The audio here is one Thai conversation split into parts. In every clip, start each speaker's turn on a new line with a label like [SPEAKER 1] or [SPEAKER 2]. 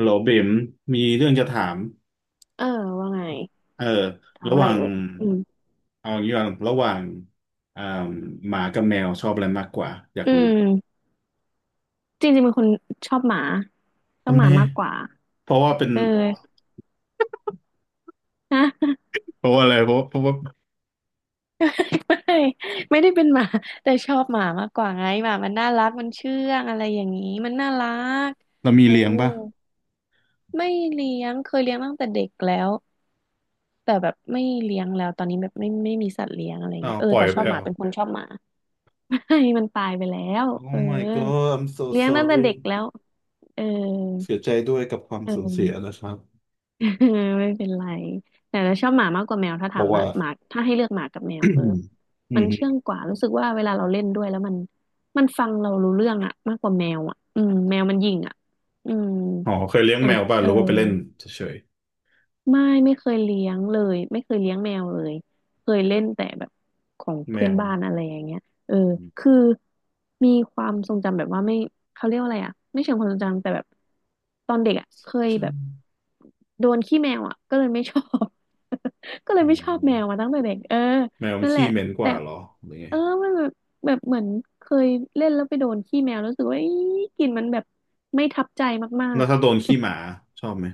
[SPEAKER 1] โหลเบ๋มมีเรื่องจะถาม
[SPEAKER 2] เออว่าไง
[SPEAKER 1] เออ
[SPEAKER 2] ถาม
[SPEAKER 1] ระห
[SPEAKER 2] อะไร
[SPEAKER 1] ว่าง
[SPEAKER 2] เอ่ยอืม
[SPEAKER 1] เอาอย่างนี้ก่อนระหว่างอ่าหมากับแมวชอบอะไรมากกว่าอยาก
[SPEAKER 2] อื
[SPEAKER 1] รู้
[SPEAKER 2] มจริงๆเป็นคนชอบหมาชอบ
[SPEAKER 1] ทำ
[SPEAKER 2] ห
[SPEAKER 1] ไม
[SPEAKER 2] มามากกว่า
[SPEAKER 1] เพราะว่าเป็น
[SPEAKER 2] เออนะ
[SPEAKER 1] เพราะว่าอะไรเพราะว่า
[SPEAKER 2] ไม่ไม่ได้เป็นหมาแต่ชอบหมามากกว่าไงหมามันน่ารักมันเชื่องอะไรอย่างนี้มันน่ารัก
[SPEAKER 1] เรามี
[SPEAKER 2] เออ
[SPEAKER 1] เลี้ยงป่ะ
[SPEAKER 2] ไม่เลี้ยงเคยเลี้ยงตั้งแต่เด็กแล้วแต่แบบไม่เลี้ยงแล้วตอนนี้แบบไม่มีสัตว์เลี้ยงอะไร
[SPEAKER 1] อ้า
[SPEAKER 2] เงี้ย
[SPEAKER 1] ว
[SPEAKER 2] เออ
[SPEAKER 1] ปล่อย
[SPEAKER 2] แต่ช
[SPEAKER 1] ไป
[SPEAKER 2] อบ
[SPEAKER 1] เหร
[SPEAKER 2] ห
[SPEAKER 1] อ
[SPEAKER 2] มาเป็นคนชอบหมา ไม่มันตายไปแล้วเอ
[SPEAKER 1] Oh
[SPEAKER 2] อ
[SPEAKER 1] my god I'm so
[SPEAKER 2] เลี้ยงตั้งแต่เด็ก
[SPEAKER 1] sorry
[SPEAKER 2] แล้วเออ
[SPEAKER 1] เสียใจด้วยกับความ
[SPEAKER 2] เอ
[SPEAKER 1] สูญเสียนะ
[SPEAKER 2] อ
[SPEAKER 1] ครับ
[SPEAKER 2] ไม่เป็นไรแต่เราชอบหมามากกว่าแมวถ้า
[SPEAKER 1] เพ
[SPEAKER 2] ถาม
[SPEAKER 1] ราะ
[SPEAKER 2] ว่า
[SPEAKER 1] ว่า
[SPEAKER 2] หมาถ้าให้เลือกหมากับแมวเออ
[SPEAKER 1] อื
[SPEAKER 2] มันเชื่อ
[SPEAKER 1] ม
[SPEAKER 2] งกว่ารู้สึกว่าเวลาเราเล่นด้วยแล้วมันฟังเรารู้เรื่องอะมากกว่าแมวอะอืมแมวมันหยิ่งอะอืม
[SPEAKER 1] อ๋อเคยเลี้ยง
[SPEAKER 2] อย่า
[SPEAKER 1] แม
[SPEAKER 2] ง
[SPEAKER 1] วป่ะ
[SPEAKER 2] เอ
[SPEAKER 1] ห
[SPEAKER 2] อ
[SPEAKER 1] รือว่าไปเล่นเฉย
[SPEAKER 2] ไม่เคยเลี้ยงเลยไม่เคยเลี้ยงแมวเลยเคยเล่นแต่แบบของ
[SPEAKER 1] ๆแม
[SPEAKER 2] เพื่อน
[SPEAKER 1] ว
[SPEAKER 2] บ้านอะไรอย่างเงี้ยเออ
[SPEAKER 1] อืม
[SPEAKER 2] คือมีความทรงจำแบบว่าไม่เขาเรียกว่าอะไรอ่ะไม่เชิงความทรงจำแต่แบบตอนเด็กอ่ะเคย
[SPEAKER 1] ใช่
[SPEAKER 2] แบบโดนขี้แมวอ่ะก็เลยไม่ชอบ ก็
[SPEAKER 1] อ๋
[SPEAKER 2] เลยไม่ชอบแมว
[SPEAKER 1] อ
[SPEAKER 2] มาตั้งแต่เด็กเออ
[SPEAKER 1] แมวมัน
[SPEAKER 2] นั่นแห
[SPEAKER 1] ขี้
[SPEAKER 2] ละ
[SPEAKER 1] เหม็นก
[SPEAKER 2] แต่
[SPEAKER 1] ว่าเหรอหรือไง
[SPEAKER 2] เออมันแบบแบบเหมือนเคยเล่นแล้วไปโดนขี้แมวแล้วรู้สึกว่าอีกลิ่นมันแบบไม่ทับใจมา
[SPEAKER 1] แล้
[SPEAKER 2] ก
[SPEAKER 1] วถ้าโดนขี้หมาชอบไหม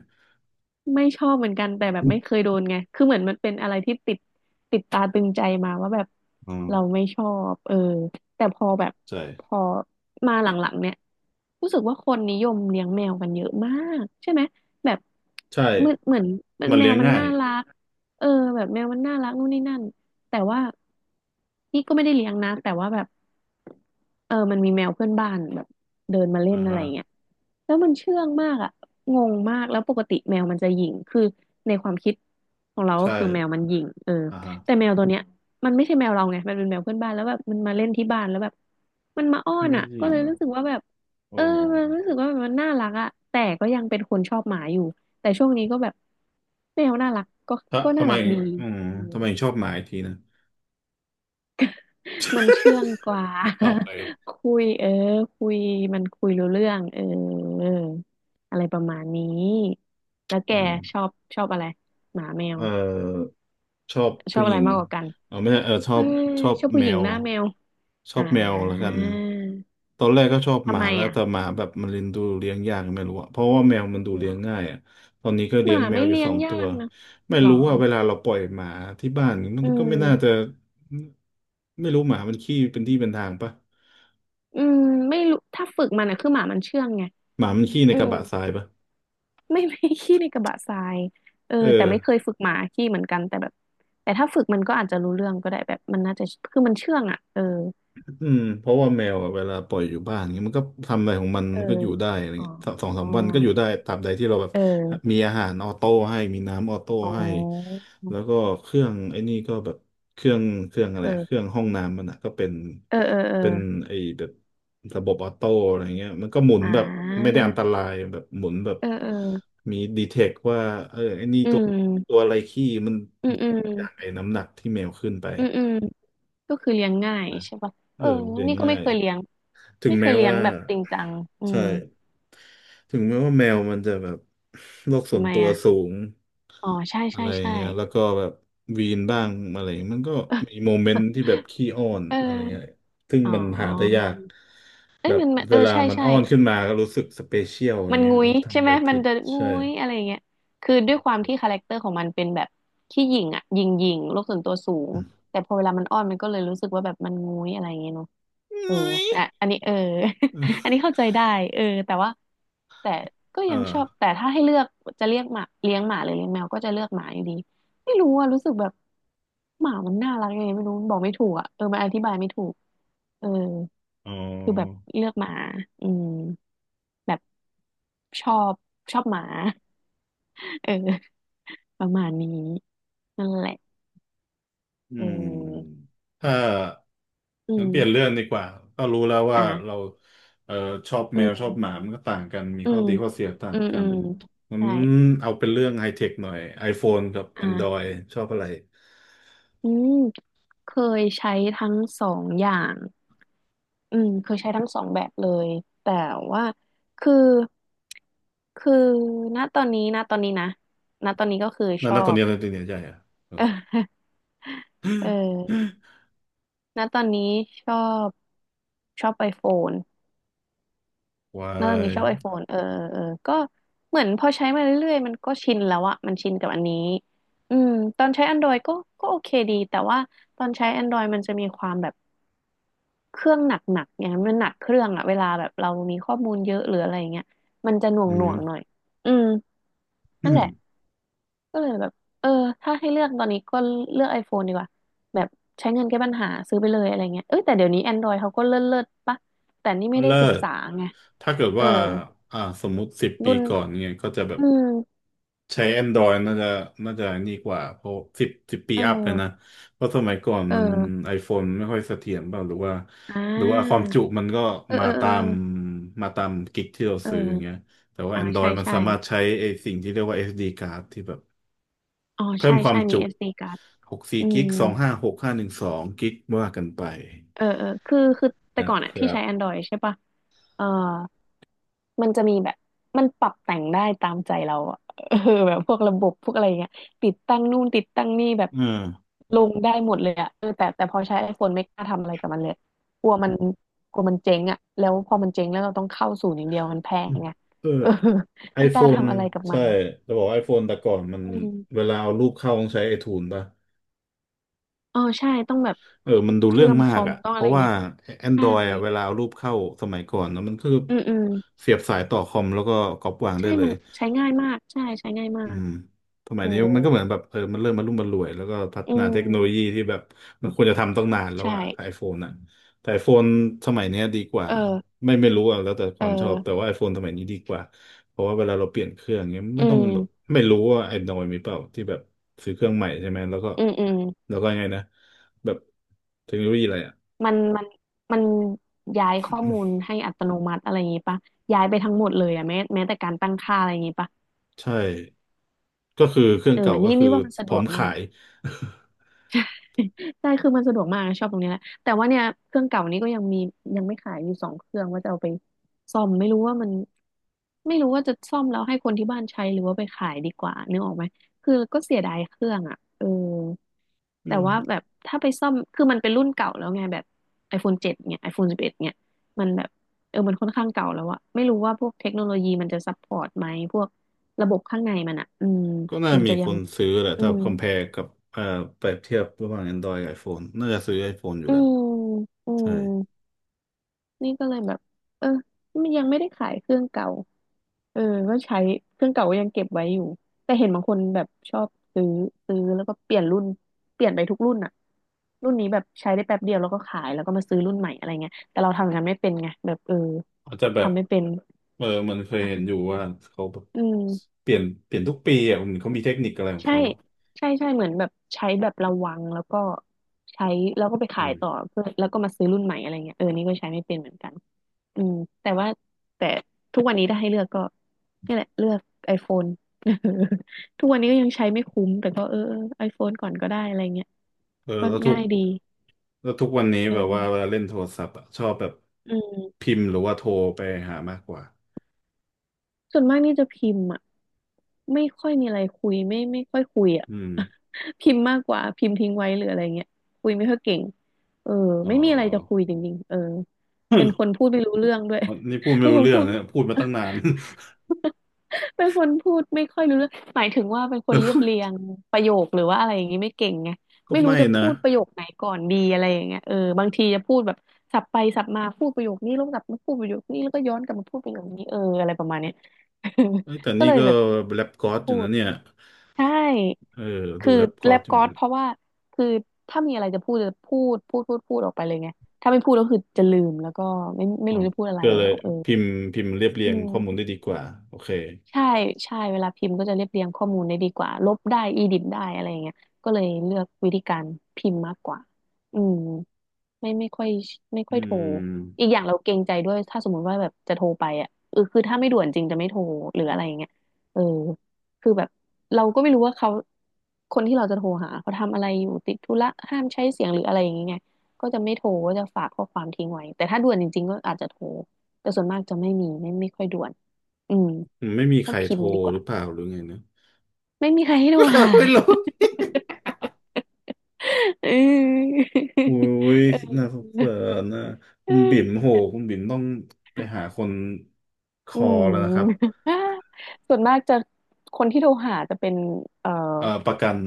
[SPEAKER 2] ไม่ชอบเหมือนกันแต่แบบไม่เคยโดนไง คือเหมือนมันเป็นอะไรที่ติดตาตึงใจมาว่าแบบ
[SPEAKER 1] อืม
[SPEAKER 2] เราไม่ชอบเออแต่พอแบบ
[SPEAKER 1] ใช่
[SPEAKER 2] พอมาหลังๆเนี่ยรู้สึกว่าคนนิยมเลี้ยงแมวกันเยอะมากใช่ไหมแบบ
[SPEAKER 1] ใช่
[SPEAKER 2] เหมือน
[SPEAKER 1] มัน
[SPEAKER 2] แม
[SPEAKER 1] เลี้
[SPEAKER 2] ว
[SPEAKER 1] ยง
[SPEAKER 2] มัน
[SPEAKER 1] ง่าย
[SPEAKER 2] น่ารักเออแบบแมวมันน่ารักนู่นนี่นั่นแต่ว่าพี่ก็ไม่ได้เลี้ยงนะแต่ว่าแบบเออมันมีแมวเพื่อนบ้านแบบเดินมาเล่
[SPEAKER 1] อ่า
[SPEAKER 2] นอะไร
[SPEAKER 1] ฮะ
[SPEAKER 2] อย่างเงี้ยแล้วมันเชื่องมากอ่ะ งงมากแล้วปกติแมวมันจะหยิ่งคือในความคิดของเราก็
[SPEAKER 1] ใช่
[SPEAKER 2] คือแมวมันหยิ่งเออ
[SPEAKER 1] อ่าฮะ
[SPEAKER 2] แต่แมวตัวเนี้ยมันไม่ใช่แมวเราไงมันเป็นแมวเพื่อนบ้านแล้วแบบมันมาเล่นที่บ้านแล้วแบบมันมาอ้อน
[SPEAKER 1] ไม่
[SPEAKER 2] อ่ะ
[SPEAKER 1] จริ
[SPEAKER 2] ก็
[SPEAKER 1] ง
[SPEAKER 2] เลย
[SPEAKER 1] เหรอ
[SPEAKER 2] รู้สึกว่าแบบ
[SPEAKER 1] โอ้
[SPEAKER 2] เออมันรู้สึกว่ามันน่ารักอ่ะแต่ก็ยังเป็นคนชอบหมาอยู่แต่ช่วงนี้ก็แบบแมวน่ารักก็
[SPEAKER 1] ถ้า
[SPEAKER 2] ก็น่า
[SPEAKER 1] ทำไม
[SPEAKER 2] รักดี
[SPEAKER 1] อืม
[SPEAKER 2] อืม
[SPEAKER 1] ทำไมถึงชอบหมาอีกทีนะ
[SPEAKER 2] มันเชื่องกว่า
[SPEAKER 1] ต่อไป
[SPEAKER 2] คุยเออคุยมันคุยรู้เรื่องเอออะไรประมาณนี้แล้วแก
[SPEAKER 1] อื
[SPEAKER 2] ชอ
[SPEAKER 1] ม
[SPEAKER 2] บชอบอะไรหมาแมว
[SPEAKER 1] เอ่อ ชอบ
[SPEAKER 2] ชอ
[SPEAKER 1] ผู้
[SPEAKER 2] บ
[SPEAKER 1] ห
[SPEAKER 2] อะ
[SPEAKER 1] ญิ
[SPEAKER 2] ไร
[SPEAKER 1] ง
[SPEAKER 2] มากกว่ากัน
[SPEAKER 1] เอาไม่ใช่เออ
[SPEAKER 2] เออ
[SPEAKER 1] ชอบ
[SPEAKER 2] ชอบผู้
[SPEAKER 1] แม
[SPEAKER 2] หญิง
[SPEAKER 1] ว
[SPEAKER 2] หน้าแมว
[SPEAKER 1] ชอ
[SPEAKER 2] อ่า
[SPEAKER 1] บแมวแล้วกันตอนแรกก็ชอบห
[SPEAKER 2] ทำ
[SPEAKER 1] มา
[SPEAKER 2] ไม
[SPEAKER 1] แล้ว
[SPEAKER 2] อ่ะ
[SPEAKER 1] แต่หมาแบบมันเลี้ยงดูเลี้ยงยากไม่รู้อะเพราะว่าแมวมันดู
[SPEAKER 2] หร
[SPEAKER 1] เลี้ยง
[SPEAKER 2] อ
[SPEAKER 1] ง่ายอะตอนนี้ก็
[SPEAKER 2] ห
[SPEAKER 1] เลี้ย
[SPEAKER 2] มา
[SPEAKER 1] งแม
[SPEAKER 2] ไม่
[SPEAKER 1] วอยู่
[SPEAKER 2] เลี้ย
[SPEAKER 1] สอ
[SPEAKER 2] ง
[SPEAKER 1] ง
[SPEAKER 2] ยา
[SPEAKER 1] ตัว
[SPEAKER 2] กนะ
[SPEAKER 1] ไม่
[SPEAKER 2] หรอ
[SPEAKER 1] รู้ว่าเวลาเราปล่อยหมาที่บ้านมัน
[SPEAKER 2] อื
[SPEAKER 1] ก็ไม่น่าจะ
[SPEAKER 2] ม
[SPEAKER 1] ไม่รู้หมามันขี้เป็นที่เป็นทางปะ
[SPEAKER 2] อืมไม่รู้ถ้าฝึกมันอ่ะคือหมามันเชื่องไง
[SPEAKER 1] หมามันขี้ใน
[SPEAKER 2] อื
[SPEAKER 1] กระ
[SPEAKER 2] ม
[SPEAKER 1] บะทรายปะ
[SPEAKER 2] ไม่ ไม่ขี้ในกระบะทรายเออ
[SPEAKER 1] เอ
[SPEAKER 2] แต่
[SPEAKER 1] อ
[SPEAKER 2] ไม่เคยฝึกหมาขี้เหมือนกันแต่แบบแต่ถ้าฝึกมันก็อาจจะรู้เรื่องก็ได้แบบมันน่าจะคือมันเชื่องอ่ะเออ
[SPEAKER 1] อืมเพราะว่าแมวอะเวลาปล่อยอยู่บ้านเงี้ยมันก็ทำอะไรของมัน
[SPEAKER 2] เออ
[SPEAKER 1] มันก็อยู่ได้อะไร
[SPEAKER 2] อ๋อ
[SPEAKER 1] เงี้ยสสองสามวันก็อยู่ได้ตามใดที่เราแบบ
[SPEAKER 2] เออ
[SPEAKER 1] มีอาหารออโต้ให้มีน้ำออโต้
[SPEAKER 2] อ๋
[SPEAKER 1] ให้
[SPEAKER 2] อ
[SPEAKER 1] แล้วก็เครื่องไอ้นี่ก็แบบเครื่องเครื่องอะไรเครื่อง
[SPEAKER 2] เออ
[SPEAKER 1] ห้องน้ำมันอ่ะก็เป็น
[SPEAKER 2] เออเออเออ
[SPEAKER 1] เป็นไอ้แบบระบบออโต้อะไรเงี้ยมันก็หมุน
[SPEAKER 2] อ่
[SPEAKER 1] แบบไม่
[SPEAKER 2] า
[SPEAKER 1] ได้อันตรายแบบหมุนแบบ
[SPEAKER 2] เออเออ
[SPEAKER 1] มีดีเทคว่าเออไอ้นี่
[SPEAKER 2] อื
[SPEAKER 1] ตัวตั
[SPEAKER 2] ม
[SPEAKER 1] วอะไรขี้มัน
[SPEAKER 2] อืมอืมอื
[SPEAKER 1] จากไอ้น้ำหนักที่แมวขึ้นไป
[SPEAKER 2] อืมก็คือเลี้ยงง่ายใช่ปะ
[SPEAKER 1] เอ
[SPEAKER 2] เอ
[SPEAKER 1] อ
[SPEAKER 2] อ
[SPEAKER 1] เรียน
[SPEAKER 2] นี่ก็
[SPEAKER 1] ง่า
[SPEAKER 2] ไม่
[SPEAKER 1] ย
[SPEAKER 2] เคยเลี้ยง
[SPEAKER 1] ถึง
[SPEAKER 2] ไม่เค
[SPEAKER 1] แม้
[SPEAKER 2] ยเลี้ยง
[SPEAKER 1] ว่า
[SPEAKER 2] แบบจริงจังอื
[SPEAKER 1] ใช่
[SPEAKER 2] ม
[SPEAKER 1] ถึงแม้ว่าแมวมันจะแบบโลกส่
[SPEAKER 2] ทำ
[SPEAKER 1] วน
[SPEAKER 2] ไม
[SPEAKER 1] ตัว
[SPEAKER 2] อ่ะ
[SPEAKER 1] สูง
[SPEAKER 2] อ๋อใช่
[SPEAKER 1] อะ
[SPEAKER 2] ใช่
[SPEAKER 1] ไร
[SPEAKER 2] ใช่
[SPEAKER 1] เงี้ยแล้วก็แบบวีนบ้างอะไรเงี้ยมันก็มีโมเมนต์ที่แบบขี้อ้อน
[SPEAKER 2] เ
[SPEAKER 1] อะไรเงี้ย
[SPEAKER 2] ออ
[SPEAKER 1] ซึ่ง
[SPEAKER 2] อ๋
[SPEAKER 1] มันหาได้
[SPEAKER 2] อ
[SPEAKER 1] ยาก
[SPEAKER 2] เอ้
[SPEAKER 1] แบ
[SPEAKER 2] ย
[SPEAKER 1] บ
[SPEAKER 2] มัน
[SPEAKER 1] เว
[SPEAKER 2] เออ
[SPEAKER 1] ลา
[SPEAKER 2] ใช่
[SPEAKER 1] มัน
[SPEAKER 2] ใช่
[SPEAKER 1] อ้อนขึ้นมาก็รู้สึกสเปเชียลอะไร
[SPEAKER 2] มัน
[SPEAKER 1] เงี้ย
[SPEAKER 2] งุ้
[SPEAKER 1] เอ
[SPEAKER 2] ย
[SPEAKER 1] อ
[SPEAKER 2] ใช่
[SPEAKER 1] ทำอะ
[SPEAKER 2] ไหม
[SPEAKER 1] ไร
[SPEAKER 2] มัน
[SPEAKER 1] ผิด
[SPEAKER 2] จะงุ้
[SPEAKER 1] ใช่
[SPEAKER 2] ยอะไรอย่างเงี้ยคือด้วยความที่คาแรคเตอร์ของมันเป็นแบบขี้หยิ่งอ่ะหยิ่งโลกส่วนตัวสูงแต่พอเวลามันอ้อนมันก็เลยรู้สึกว่าแบบมันงุ้ยอะไรอย่างเงี้ยเนาะเอออ่ะอันนี้เออ อัน นี้เข้าใจได้เออแต่ว่าแต่ก็
[SPEAKER 1] อ่
[SPEAKER 2] ยังชอบ
[SPEAKER 1] า
[SPEAKER 2] แต่ถ้าให้เลือกจะเรียกหมาเลี้ยงหมาหรือเลี้ยงแมวก็จะเลือกหมาอยู่ดีไม่รู้อะรู้สึกแบบหมามันน่ารักยังไงไม่รู้บอกไม่ถูกอะเออมันอธิบายไม่ถูกเออ
[SPEAKER 1] อ๋อ
[SPEAKER 2] คือแบบเลือกหมาอืมแบบชอบชอบหมา เออประมาณนี้นั่นแหละ
[SPEAKER 1] อื
[SPEAKER 2] เออ
[SPEAKER 1] มถ้า
[SPEAKER 2] อื
[SPEAKER 1] งั้นเปลี่ยนเรื่
[SPEAKER 2] ม
[SPEAKER 1] องดีกว่าก็รู้แล้วว่าเรา
[SPEAKER 2] อ่ะ
[SPEAKER 1] เอ่อชอบ
[SPEAKER 2] อื
[SPEAKER 1] แมวชอบหมา
[SPEAKER 2] ม
[SPEAKER 1] มันก็ต่างกันมี
[SPEAKER 2] อื
[SPEAKER 1] ข้อ
[SPEAKER 2] ม
[SPEAKER 1] ดีข้อเสียต่า
[SPEAKER 2] อื
[SPEAKER 1] ง
[SPEAKER 2] ม
[SPEAKER 1] กั
[SPEAKER 2] อื
[SPEAKER 1] น
[SPEAKER 2] ม
[SPEAKER 1] งั้น
[SPEAKER 2] ใช่
[SPEAKER 1] เอาเป็นเรื่องไฮเทคหน่อย iPhone กับ
[SPEAKER 2] อ่ะ
[SPEAKER 1] Android ชอบอะไร
[SPEAKER 2] อืมเคยใช้ทั้งสองอย่างอืมเคยใช้ทั้งสองแบบเลยแต่ว่าคือคือณตอนนี้นะณตอนนี้ก็คือช
[SPEAKER 1] นั่น
[SPEAKER 2] อ
[SPEAKER 1] นะตอน
[SPEAKER 2] บ
[SPEAKER 1] นี้ตอนนี้ใช่อะ
[SPEAKER 2] เออณตอนนี้ชอบชอบไอโฟน
[SPEAKER 1] วา
[SPEAKER 2] เออนี่
[SPEAKER 1] ย
[SPEAKER 2] ชอบ iPhone เออเออ ก็เหมือนพอใช้มาเรื่อยๆ มันก็ชินแล้วอะ มันชินกับอันนี้ อืมตอนใช้ Android ก็ ก็โอเคดี แต่ว่าตอนใช้ Android มันจะมีความแบบเครื่องหนักๆอย่างนั้นมันหนักเครื่องอะเวลาแบบเรามีข้อมูลเยอะหรืออะไรอย่างเงี้ยมันจะหน
[SPEAKER 1] อื
[SPEAKER 2] ่
[SPEAKER 1] ม
[SPEAKER 2] วงๆหน่อย อืม
[SPEAKER 1] อื
[SPEAKER 2] นั่น
[SPEAKER 1] ม
[SPEAKER 2] แหละ ก็เลยแบบ เออถ้าให้เลือกตอนนี้ก็เลือก iPhone ดีกว่าแบบใช้เงินแก้ปัญหาซื้อไปเลยอะไรเงี้ยเอ้ยแต่เดี๋ยวนี้ Android เขาก็เลิศๆปะแต่นี่ไม่ได้
[SPEAKER 1] เลิ
[SPEAKER 2] ศึก
[SPEAKER 1] ก
[SPEAKER 2] ษาไง
[SPEAKER 1] ถ้าเกิด
[SPEAKER 2] เออ
[SPEAKER 1] ว่าอ่าสมมุติสิบปี
[SPEAKER 2] รุ่น
[SPEAKER 1] ก่อนเนี่ยก็จะแบบ
[SPEAKER 2] อืม
[SPEAKER 1] ใช้ Android น่าจะนี่กว่าเพราะสิบสิบปี
[SPEAKER 2] เอ
[SPEAKER 1] อัพเลยนะ
[SPEAKER 2] อ
[SPEAKER 1] เพราะสมัยก่อน
[SPEAKER 2] เอ
[SPEAKER 1] มัน
[SPEAKER 2] อ
[SPEAKER 1] iPhone ไม่ค่อยเสถียรบ้างหรือว่า
[SPEAKER 2] อ่
[SPEAKER 1] หรือว่าความ
[SPEAKER 2] า
[SPEAKER 1] จุมันก็
[SPEAKER 2] เออ
[SPEAKER 1] มา
[SPEAKER 2] เออเอ
[SPEAKER 1] ตาม
[SPEAKER 2] อ
[SPEAKER 1] มาตามกิกที่เรา
[SPEAKER 2] เ
[SPEAKER 1] ซื้ออย่างเงี้ย
[SPEAKER 2] ออ
[SPEAKER 1] แต่ว่า
[SPEAKER 2] ใช่
[SPEAKER 1] Android มัน
[SPEAKER 2] ใช่
[SPEAKER 1] สามารถใช้ไอ้สิ่งที่เรียกว่า SD card ที่แบบ
[SPEAKER 2] อ๋อ
[SPEAKER 1] เพิ่
[SPEAKER 2] ใช่
[SPEAKER 1] มควา
[SPEAKER 2] ใช่
[SPEAKER 1] ม
[SPEAKER 2] มี
[SPEAKER 1] จุ
[SPEAKER 2] SD card
[SPEAKER 1] 6 4
[SPEAKER 2] อื
[SPEAKER 1] กิก
[SPEAKER 2] ม
[SPEAKER 1] 2 5 6 5 1 2กสิบห้าหนึ่งสองกกว่ากันไป
[SPEAKER 2] เออเออคือแต่
[SPEAKER 1] นะ
[SPEAKER 2] ก่อน
[SPEAKER 1] ค
[SPEAKER 2] อะที่
[SPEAKER 1] รับ
[SPEAKER 2] ใช้ Android ใช่ปะเออมันจะมีแบบมันปรับแต่งได้ตามใจเราอะ เออแบบพวกระบบพวกอะไรอย่างเงี้ยติดตั้งนู่นติดตั้งนี่แบบ
[SPEAKER 1] อ่า
[SPEAKER 2] ลงได้หมดเลยอะเออแต่พอใช้ iPhone ไม่กล้าทำอะไรกับมันเลยกลัวมันกลัวมันเจ๊งอะแล้วพอมันเจ๊งแล้วเราต้องเข้าศูนย์อย่างเดียวมันแพง
[SPEAKER 1] ื
[SPEAKER 2] ไง
[SPEAKER 1] เออ
[SPEAKER 2] เออไม่กล้า
[SPEAKER 1] iPhone
[SPEAKER 2] ทำอะไรกับมั
[SPEAKER 1] ใช่
[SPEAKER 2] น
[SPEAKER 1] จะบอกว่า iPhone แต่ก่อนมัน
[SPEAKER 2] อืม
[SPEAKER 1] เวลาเอารูปเข้าต้องใช้ไอทู e ป่ะ
[SPEAKER 2] อ๋อใช่ต้องแบบ
[SPEAKER 1] เออมันดูเรื่
[SPEAKER 2] เชื่
[SPEAKER 1] อ
[SPEAKER 2] อ
[SPEAKER 1] ง
[SPEAKER 2] มค
[SPEAKER 1] มาก
[SPEAKER 2] อม
[SPEAKER 1] อ่ะ
[SPEAKER 2] ต้อง
[SPEAKER 1] เพ
[SPEAKER 2] อะไร
[SPEAKER 1] ราะว่า
[SPEAKER 2] เงี้ยใช่
[SPEAKER 1] Android อ่ะเวลาเอารูปเข้าสมัยก่อนนะมันคือ
[SPEAKER 2] อืมอืม
[SPEAKER 1] เสียบสายต่อคอมแล้วก็ก๊อปวางได้
[SPEAKER 2] ใช่
[SPEAKER 1] เล
[SPEAKER 2] มั
[SPEAKER 1] ย
[SPEAKER 2] นใช้ง่ายมากใช่ใช้ง่ายมา
[SPEAKER 1] อื
[SPEAKER 2] ก
[SPEAKER 1] มส
[SPEAKER 2] เอ
[SPEAKER 1] มั
[SPEAKER 2] อ
[SPEAKER 1] ยนี้มันก็เหมือนแบบเออมันเริ่มมารุ่มมารวยแล้วก็พัฒ
[SPEAKER 2] อื
[SPEAKER 1] นาเทคโนโลยี
[SPEAKER 2] ม
[SPEAKER 1] ที่แบบมันควรจะทำตั้งนานแล้ว
[SPEAKER 2] ใช่
[SPEAKER 1] อะไอโฟนอะแต่ไอโฟนสมัยเนี้ยดีกว่า
[SPEAKER 2] เออ
[SPEAKER 1] ไม่รู้อะแล้วแต่ค
[SPEAKER 2] เออ
[SPEAKER 1] วามชอบ แต่ว่าไอโฟนสมัยนี้ดีกว่าเพราะว่าเวลาเราเปลี่ยนเครื่องเนี้ย
[SPEAKER 2] อื
[SPEAKER 1] ไม่ต้องแบบ
[SPEAKER 2] ม
[SPEAKER 1] ไม่รู้ว่าไอ้นอยมีเปล่าที่แบบซื้อเครื่องใหม่ใช่ไหมแล้วก็
[SPEAKER 2] อืมอืม
[SPEAKER 1] แล้วก็ยังไงนะแบบเทคโนโลยีอะไรอะ
[SPEAKER 2] มันมันมันย้ายข้อมูลให้อัตโนมัติอะไรอย่างงี้ปะย้ายไปทั้งหมดเลยอะแม้แต่การตั้งค่าอะไรอย่างงี้ปะ
[SPEAKER 1] ใช่ก็คือเครื่อง
[SPEAKER 2] เออ
[SPEAKER 1] เก่าก็
[SPEAKER 2] นี่
[SPEAKER 1] คือ
[SPEAKER 2] นี่ว่ามัน
[SPEAKER 1] พ
[SPEAKER 2] สะด
[SPEAKER 1] ร้อ
[SPEAKER 2] ว
[SPEAKER 1] ม
[SPEAKER 2] กมา
[SPEAKER 1] ขา
[SPEAKER 2] ก
[SPEAKER 1] ย
[SPEAKER 2] ใช่คือมันสะดวกมากชอบตรงนี้แหละแต่ว่าเนี่ยเครื่องเก่านี้ก็ยังมียังไม่ขายอยู่สองเครื่องว่าจะเอาไปซ่อมไม่รู้ว่ามันไม่รู้ว่าจะซ่อมแล้วให้คนที่บ้านใช้หรือว่าไปขายดีกว่านึกออกไหมคือก็เสียดายเครื่องอ่ะเออ
[SPEAKER 1] อื
[SPEAKER 2] แต่
[SPEAKER 1] ม
[SPEAKER 2] ว่า แบบถ้าไปซ่อมคือมันเป็นรุ่นเก่าแล้วไงแบบ iPhone เจ็ดเนี่ย iPhone 11เอ็ดเนี่ยมันแบบเออมันค่อนข้างเก่าแล้วอะไม่รู้ว่าพวกเทคโนโลยีมันจะซัพพอร์ตไหมพวกระบบข้างในมันอะอืม
[SPEAKER 1] ก็น่า
[SPEAKER 2] มัน
[SPEAKER 1] มี
[SPEAKER 2] จะ
[SPEAKER 1] ค
[SPEAKER 2] ยัง
[SPEAKER 1] นซื้อแหละ
[SPEAKER 2] อื
[SPEAKER 1] ถ้า
[SPEAKER 2] ม
[SPEAKER 1] คอม p พ r e กับเอ่อเปรียบเทียบระหว่าง Android กับ iPhone น่าจะซื้อ iPhone อยู่
[SPEAKER 2] อื
[SPEAKER 1] แล้ว
[SPEAKER 2] มอืม
[SPEAKER 1] ใช่
[SPEAKER 2] นี่ก็เลยแบบเออมันยังไม่ได้ขายเครื่องเก่าเออก็ใช้เครื่องเก่าก็ยังเก็บไว้อยู่แต่เห็นบางคนแบบชอบซื้อซื้อแล้วก็เปลี่ยนรุ่นเปลี่ยนไปทุกรุ่นอะรุ่นนี้แบบใช้ได้แป๊บเดียวแล้วก็ขายแล้วก็มาซื้อรุ่นใหม่อะไรเงี้ยแต่เราทำอย่างานไม่เป็นไงแบบเออ
[SPEAKER 1] อาจจะแบบ
[SPEAKER 2] ทำไม่เป็น
[SPEAKER 1] เออมันเคยเห็นอยู่ว่าเขาแบบ
[SPEAKER 2] อืม
[SPEAKER 1] เปลี่ยนทุกปีอ่ะมันเขามีเทคนิคอะไรของ
[SPEAKER 2] ใช่
[SPEAKER 1] เขาอ่ะ
[SPEAKER 2] ใช่ใช่เหมือนแบบใช้แบบระวังแล้วก็ใช้แล้วก็ไป
[SPEAKER 1] อื
[SPEAKER 2] ขาย
[SPEAKER 1] ม
[SPEAKER 2] ต่อเพื่อแล้วก็มาซื้อรุ่นใหม่อะไรเงี้ยเออนี่ก็ใช้ไม่เป็นเหมือนกัน อืมแต่ว่าแต่ทุกวันนี้ถ้าให้เลือกก็นี่แหละเลือก iPhone ทุกวันนี้ก็ยังใช้ไม่คุ้มแต่ก็เออไอโฟนก่อนก็ได้อะไรเงี้ย
[SPEAKER 1] เออ
[SPEAKER 2] ก็
[SPEAKER 1] แล้วทุ
[SPEAKER 2] ง่า
[SPEAKER 1] ก
[SPEAKER 2] ยดี
[SPEAKER 1] วันนี้
[SPEAKER 2] เอ
[SPEAKER 1] แบบว่าเว
[SPEAKER 2] อ
[SPEAKER 1] ลาเล่นโทรศัพท์อ่ะชอบแบบ
[SPEAKER 2] อืม
[SPEAKER 1] พิมพ์หรือว่าโทรไปหามากกว่า
[SPEAKER 2] ส่วนมากนี่จะพิมพ์อ่ะไม่ค่อยมีอะไรคุยไม่ค่อยคุยอ่ะ
[SPEAKER 1] อืม
[SPEAKER 2] พิมพ์มากกว่าพิมพ์ทิ้งไว้หรืออะไรเงี้ยคุยไม่ค่อยเก่งเออ
[SPEAKER 1] อ๋อ
[SPEAKER 2] ไม่มีอะไรจะคุยจริงๆเออเป็นคนพูดไม่รู้เรื่องด้วย
[SPEAKER 1] นี่พูด ไม่
[SPEAKER 2] เป็น
[SPEAKER 1] รู้
[SPEAKER 2] คน
[SPEAKER 1] เรื่อ
[SPEAKER 2] พู
[SPEAKER 1] ง
[SPEAKER 2] ด
[SPEAKER 1] นะพูดมาตั้งนาน
[SPEAKER 2] เป็นคนพูดไม่ค่อยรู้เรื่องหมายถึงว่าเป็นคนเรียบเรียงประโยคหรือว่าอะไรอย่างนี้ไม่เก่งไง
[SPEAKER 1] ก็
[SPEAKER 2] ไม่รู้
[SPEAKER 1] ไม่
[SPEAKER 2] จะพู
[SPEAKER 1] นะ
[SPEAKER 2] ดประโยคไหนก่อนดีอะไรอย่างเงี้ยเออบางทีจะพูดแบบสับไปสับมาพูดประโยคนี้แล้วกลับมาพูดประโยคนี้แล้วก็ย้อนกลับมาพูดประโยคนี้เอออะไรประมาณเนี้ย
[SPEAKER 1] เอ้ยแต่
[SPEAKER 2] ก็
[SPEAKER 1] นี่
[SPEAKER 2] เลย
[SPEAKER 1] ก็
[SPEAKER 2] แบบ
[SPEAKER 1] แรปก๊อ
[SPEAKER 2] ไม่
[SPEAKER 1] ตอ
[SPEAKER 2] พู
[SPEAKER 1] ยู่นะ
[SPEAKER 2] ด
[SPEAKER 1] เนี่ย
[SPEAKER 2] ใช่
[SPEAKER 1] เออดู
[SPEAKER 2] คือ
[SPEAKER 1] แรปก๊อ
[SPEAKER 2] แล
[SPEAKER 1] ต
[SPEAKER 2] บ
[SPEAKER 1] อยู่
[SPEAKER 2] ก๊อด
[SPEAKER 1] นะ
[SPEAKER 2] เพราะว่าคือถ้ามีอะไรจะพูดจะพูดออกไปเลยไงถ้าไม่พูดก็คือจะลืมแล้วก็ไม่
[SPEAKER 1] อ๋อ
[SPEAKER 2] รู้จะพูดอะไร
[SPEAKER 1] ก็เล
[SPEAKER 2] แล้
[SPEAKER 1] ย
[SPEAKER 2] วเออ
[SPEAKER 1] พิมพ์พิมพ์เรียบเรี
[SPEAKER 2] อื
[SPEAKER 1] ยงข้อมูล
[SPEAKER 2] ม
[SPEAKER 1] ได้ดีกว่าโอเค
[SPEAKER 2] ใช่ใช่เวลาพิมพ์ก็จะเรียบเรียงข้อมูลได้ดีกว่าลบได้อีดิทได้อะไรอย่างเงี้ยก็เลยเลือกวิธีการพิมพ์มากกว่าอืมไม่ค่อยไม่
[SPEAKER 1] อื
[SPEAKER 2] ค่อยโทรอี
[SPEAKER 1] ม
[SPEAKER 2] กอย่างเราเกรงใจด้วยถ้าสมมุติว่าแบบจะโทรไปอ่ะเออคือถ้าไม่ด่วนจริงจะไม่โทรหรืออะไรอย่างเงี้ยเออคือแบบเราก็ไม่รู้ว่าเขาคนที่เราจะโทรหาเขาทำอะไรอยู่ติดธุระห้ามใช้เสียงหรืออะไรอย่างเงี้ยไงก็จะไม่โทรก็จะฝากข้อความทิ้งไว้แต่ถ้าด่วนจริงๆก็อาจจะโทรแต่ส่วนมากจะไม่มีไม่ค่อยด่วนอืม
[SPEAKER 1] ไม่มีใค
[SPEAKER 2] ก็
[SPEAKER 1] ร
[SPEAKER 2] พิ
[SPEAKER 1] โท
[SPEAKER 2] ม
[SPEAKER 1] ร
[SPEAKER 2] พ์ดีก
[SPEAKER 1] ห
[SPEAKER 2] ว่า
[SPEAKER 1] รือเปล่าหรือไงนะ
[SPEAKER 2] ไม่มีใครให้โทรหา
[SPEAKER 1] ไม่รู้
[SPEAKER 2] เออ
[SPEAKER 1] โอุ้ย
[SPEAKER 2] เ
[SPEAKER 1] น่าสง
[SPEAKER 2] อ
[SPEAKER 1] สารนะคุณบิ่ม
[SPEAKER 2] อ
[SPEAKER 1] โหคุณบิ่มต้องไปหาคนค
[SPEAKER 2] อื
[SPEAKER 1] อแล้วนะครับ
[SPEAKER 2] ม ส่วนมากจะคนที่โทรหาจะเป็นเอ่อ
[SPEAKER 1] ประกัน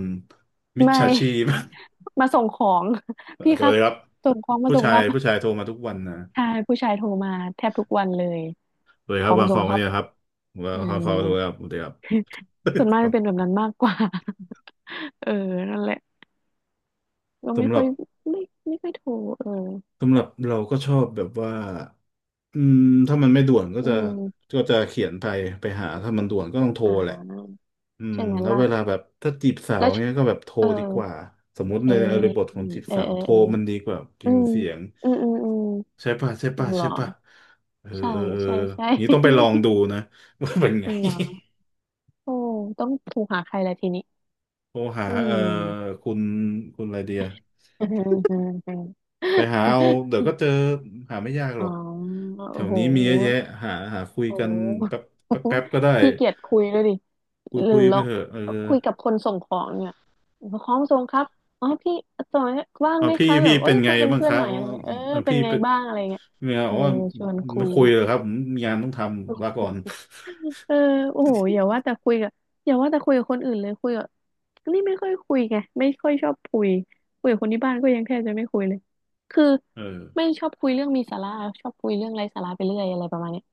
[SPEAKER 1] มิจ
[SPEAKER 2] ไม่
[SPEAKER 1] ฉาชีพ
[SPEAKER 2] มาส่งของ พี่
[SPEAKER 1] ส
[SPEAKER 2] ค
[SPEAKER 1] วั
[SPEAKER 2] รั
[SPEAKER 1] ส
[SPEAKER 2] บ
[SPEAKER 1] ดีครับ
[SPEAKER 2] ส่งของมา
[SPEAKER 1] ผู้
[SPEAKER 2] ส่ง
[SPEAKER 1] ชา
[SPEAKER 2] ค
[SPEAKER 1] ย
[SPEAKER 2] รับ
[SPEAKER 1] ผู้ชายโทรมาทุกวันนะ
[SPEAKER 2] ใช่ผู้ชายโทรมาแทบทุกวันเลย
[SPEAKER 1] สวัสดี
[SPEAKER 2] ข
[SPEAKER 1] ค
[SPEAKER 2] อ
[SPEAKER 1] รับ
[SPEAKER 2] ง
[SPEAKER 1] วา
[SPEAKER 2] มา
[SPEAKER 1] งข
[SPEAKER 2] ส่
[SPEAKER 1] อ
[SPEAKER 2] ง
[SPEAKER 1] ง
[SPEAKER 2] ค
[SPEAKER 1] วัน
[SPEAKER 2] รับ
[SPEAKER 1] นี้นะครับวา
[SPEAKER 2] เอ
[SPEAKER 1] ง
[SPEAKER 2] อ
[SPEAKER 1] ของสวัสดีครับสวัสดีครับ
[SPEAKER 2] ส่วนมา ก
[SPEAKER 1] ครั
[SPEAKER 2] จะเป็นแบบ
[SPEAKER 1] บ
[SPEAKER 2] นั้นมากกว่า เออนั่นแหละก็ไม่
[SPEAKER 1] สำห
[SPEAKER 2] ค่
[SPEAKER 1] รั
[SPEAKER 2] อ
[SPEAKER 1] บ
[SPEAKER 2] ยไม่ไม่ค่อยโทรเออ
[SPEAKER 1] เราก็ชอบแบบว่าอืมถ้ามันไม่ด่วนก็
[SPEAKER 2] อื
[SPEAKER 1] จะ
[SPEAKER 2] ม
[SPEAKER 1] เขียนไปไปหาถ้ามันด่วนก็ต้องโทร
[SPEAKER 2] อ่
[SPEAKER 1] แหละ
[SPEAKER 2] า
[SPEAKER 1] อืม
[SPEAKER 2] ใช่ไหม
[SPEAKER 1] แล้ว
[SPEAKER 2] ล่ะ
[SPEAKER 1] เวลาแบบถ้าจีบสาว
[SPEAKER 2] แล้วช
[SPEAKER 1] เงี้ยก็แบบโทร
[SPEAKER 2] เออ
[SPEAKER 1] ดีกว่าสมมุติ
[SPEAKER 2] โอ
[SPEAKER 1] ในอริบท
[SPEAKER 2] เค
[SPEAKER 1] ของจีบ
[SPEAKER 2] เออ
[SPEAKER 1] สาว
[SPEAKER 2] เออ
[SPEAKER 1] โทร
[SPEAKER 2] เออ
[SPEAKER 1] มันดีกว่าพิ
[SPEAKER 2] อื
[SPEAKER 1] มพ์
[SPEAKER 2] ม
[SPEAKER 1] เสียง
[SPEAKER 2] อืมอืมอืม
[SPEAKER 1] ใช่ป่ะใช่ป่ะ
[SPEAKER 2] เหร
[SPEAKER 1] ใช่
[SPEAKER 2] อ
[SPEAKER 1] ป่ะเออ
[SPEAKER 2] ใช่
[SPEAKER 1] เออเออ
[SPEAKER 2] ใช่ใช่
[SPEAKER 1] นี้ต้องไปลองดูนะ ว่าเป็นไง
[SPEAKER 2] เหรอ โอ้ต้องโทรหาใครละทีนี้
[SPEAKER 1] โทรหา
[SPEAKER 2] อืม
[SPEAKER 1] คุณคุณอะไรเดีย
[SPEAKER 2] อ
[SPEAKER 1] ไปหาเอาเดี๋ยวก็เจอหาไม่ยากหร
[SPEAKER 2] ๋อ
[SPEAKER 1] อกแถ
[SPEAKER 2] โอ้
[SPEAKER 1] ว
[SPEAKER 2] โห
[SPEAKER 1] นี้มีเยอะแยะหาหาคุย
[SPEAKER 2] โอ
[SPEAKER 1] กันแป๊
[SPEAKER 2] ้
[SPEAKER 1] บแป๊บ
[SPEAKER 2] โห
[SPEAKER 1] แป๊บก็ได้
[SPEAKER 2] ขี้เกียจคุยเลยดิ
[SPEAKER 1] คุย
[SPEAKER 2] หรื
[SPEAKER 1] คุ
[SPEAKER 2] อ
[SPEAKER 1] ย
[SPEAKER 2] ล
[SPEAKER 1] ไป
[SPEAKER 2] อง
[SPEAKER 1] เถอะเออ
[SPEAKER 2] คุยกับคนส่งของเนี่ยของส่งครับอ๋อพี่ส่ง้ว่าง
[SPEAKER 1] เอา
[SPEAKER 2] ไหม
[SPEAKER 1] พี่
[SPEAKER 2] คะแบ
[SPEAKER 1] พี่
[SPEAKER 2] บเอ้
[SPEAKER 1] เป็น
[SPEAKER 2] ย
[SPEAKER 1] ไง
[SPEAKER 2] คุยเป็น
[SPEAKER 1] บ้าง
[SPEAKER 2] เพื่
[SPEAKER 1] ค
[SPEAKER 2] อน
[SPEAKER 1] รับ
[SPEAKER 2] หน่อยอะไรเงี้ยเออ
[SPEAKER 1] เอา
[SPEAKER 2] เป็น
[SPEAKER 1] พี่
[SPEAKER 2] ไง
[SPEAKER 1] เป็น
[SPEAKER 2] บ้างอะไรเงี้ย
[SPEAKER 1] เนี่ย
[SPEAKER 2] เออ
[SPEAKER 1] อ๋อ
[SPEAKER 2] ชวนคุ
[SPEAKER 1] ไม่
[SPEAKER 2] ย
[SPEAKER 1] คุยเลยครับผมมีงานต้องทำลาก่อน
[SPEAKER 2] เออโอ้โหอย่าว่าแต่คุยกับอย่าว่าแต่คุยกับคนอื่นเลยคุยกับนี่ไม่ค่อยคุยไงไม่ค่อยชอบคุยคุยกับคนที่บ้านก็ยังแทบจะไม่คุยเลยคือ
[SPEAKER 1] เออ
[SPEAKER 2] ไม่ชอบคุยเรื่องมีสาระชอบคุยเรื่องไร้สาระไปเรื่อยอะไรประมาณเนี้ย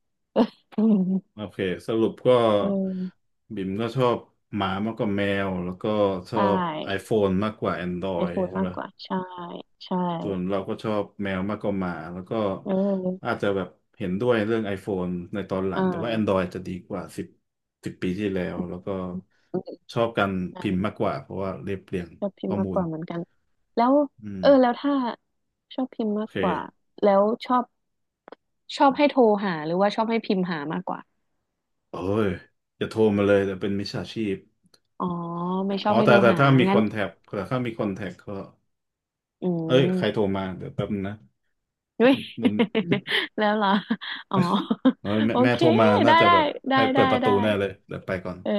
[SPEAKER 2] อืม
[SPEAKER 1] โอเคสรุปก็
[SPEAKER 2] เออ
[SPEAKER 1] บิ่มก็ชอบหมามากกว่าแมวแล้วก็ชอ
[SPEAKER 2] ใช่
[SPEAKER 1] บ iPhone มากกว่า
[SPEAKER 2] ไอโฟ
[SPEAKER 1] Android
[SPEAKER 2] น
[SPEAKER 1] ใช่ไห
[SPEAKER 2] มา
[SPEAKER 1] ม
[SPEAKER 2] กกว่าใช่ใช่
[SPEAKER 1] ส่วนเราก็ชอบแมวมากกว่าหมาแล้วก็
[SPEAKER 2] เ
[SPEAKER 1] อา
[SPEAKER 2] ออ
[SPEAKER 1] จจะแบบเห็นด้วยเรื่อง iPhone ในตอนหลั
[SPEAKER 2] อ่
[SPEAKER 1] งแต่ว่า
[SPEAKER 2] า
[SPEAKER 1] Android จะดีกว่าสิบ10 ปีที่แล้วแล้วก็
[SPEAKER 2] อืม
[SPEAKER 1] ชอบการ
[SPEAKER 2] ใช่
[SPEAKER 1] พิมพ์มากกว่าเพราะว่าเรียบเรียง
[SPEAKER 2] ชอบพิม
[SPEAKER 1] ข้
[SPEAKER 2] พ์
[SPEAKER 1] อ
[SPEAKER 2] มาก
[SPEAKER 1] มู
[SPEAKER 2] ก
[SPEAKER 1] ล
[SPEAKER 2] ว่าเหมือนกันแล้ว
[SPEAKER 1] อืม
[SPEAKER 2] เออแล้วถ้าชอบพิมพ์
[SPEAKER 1] โอ
[SPEAKER 2] มาก
[SPEAKER 1] เ
[SPEAKER 2] กว่า
[SPEAKER 1] ค
[SPEAKER 2] แล้วชอบชอบให้โทรหาหรือว่าชอบให้พิมพ์หามากกว่า
[SPEAKER 1] เอ้ยอย่าโทรมาเลยแต่เป็นมิจฉาชีพ
[SPEAKER 2] อ๋อไม่ชอ
[SPEAKER 1] อ๋
[SPEAKER 2] บ
[SPEAKER 1] อ
[SPEAKER 2] ให้
[SPEAKER 1] แต่
[SPEAKER 2] ดู
[SPEAKER 1] แต่
[SPEAKER 2] หา
[SPEAKER 1] ถ้ามี
[SPEAKER 2] ง
[SPEAKER 1] ค
[SPEAKER 2] งั้น
[SPEAKER 1] อนแทคแต่ถ้ามีคอนแทคก็
[SPEAKER 2] อื
[SPEAKER 1] เอ้ยใครโทร
[SPEAKER 2] ม
[SPEAKER 1] มาเดี๋ยวแป๊บนึงนะ
[SPEAKER 2] ด้วย
[SPEAKER 1] มัน
[SPEAKER 2] แล้วเหรออ๋อ
[SPEAKER 1] เอ้ยแม่
[SPEAKER 2] โอ
[SPEAKER 1] แม่
[SPEAKER 2] เค
[SPEAKER 1] โทรมาน่า
[SPEAKER 2] ได้
[SPEAKER 1] จะ
[SPEAKER 2] ได้
[SPEAKER 1] แบบ
[SPEAKER 2] ได้
[SPEAKER 1] ให้เปิ
[SPEAKER 2] ได้
[SPEAKER 1] ดประตู
[SPEAKER 2] ได้
[SPEAKER 1] แน่เลยเดี๋ยวไปก่อน
[SPEAKER 2] เออ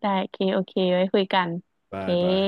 [SPEAKER 2] ได้โอเคโอเคไว้คุยกันโอ
[SPEAKER 1] บา
[SPEAKER 2] เค
[SPEAKER 1] ยบาย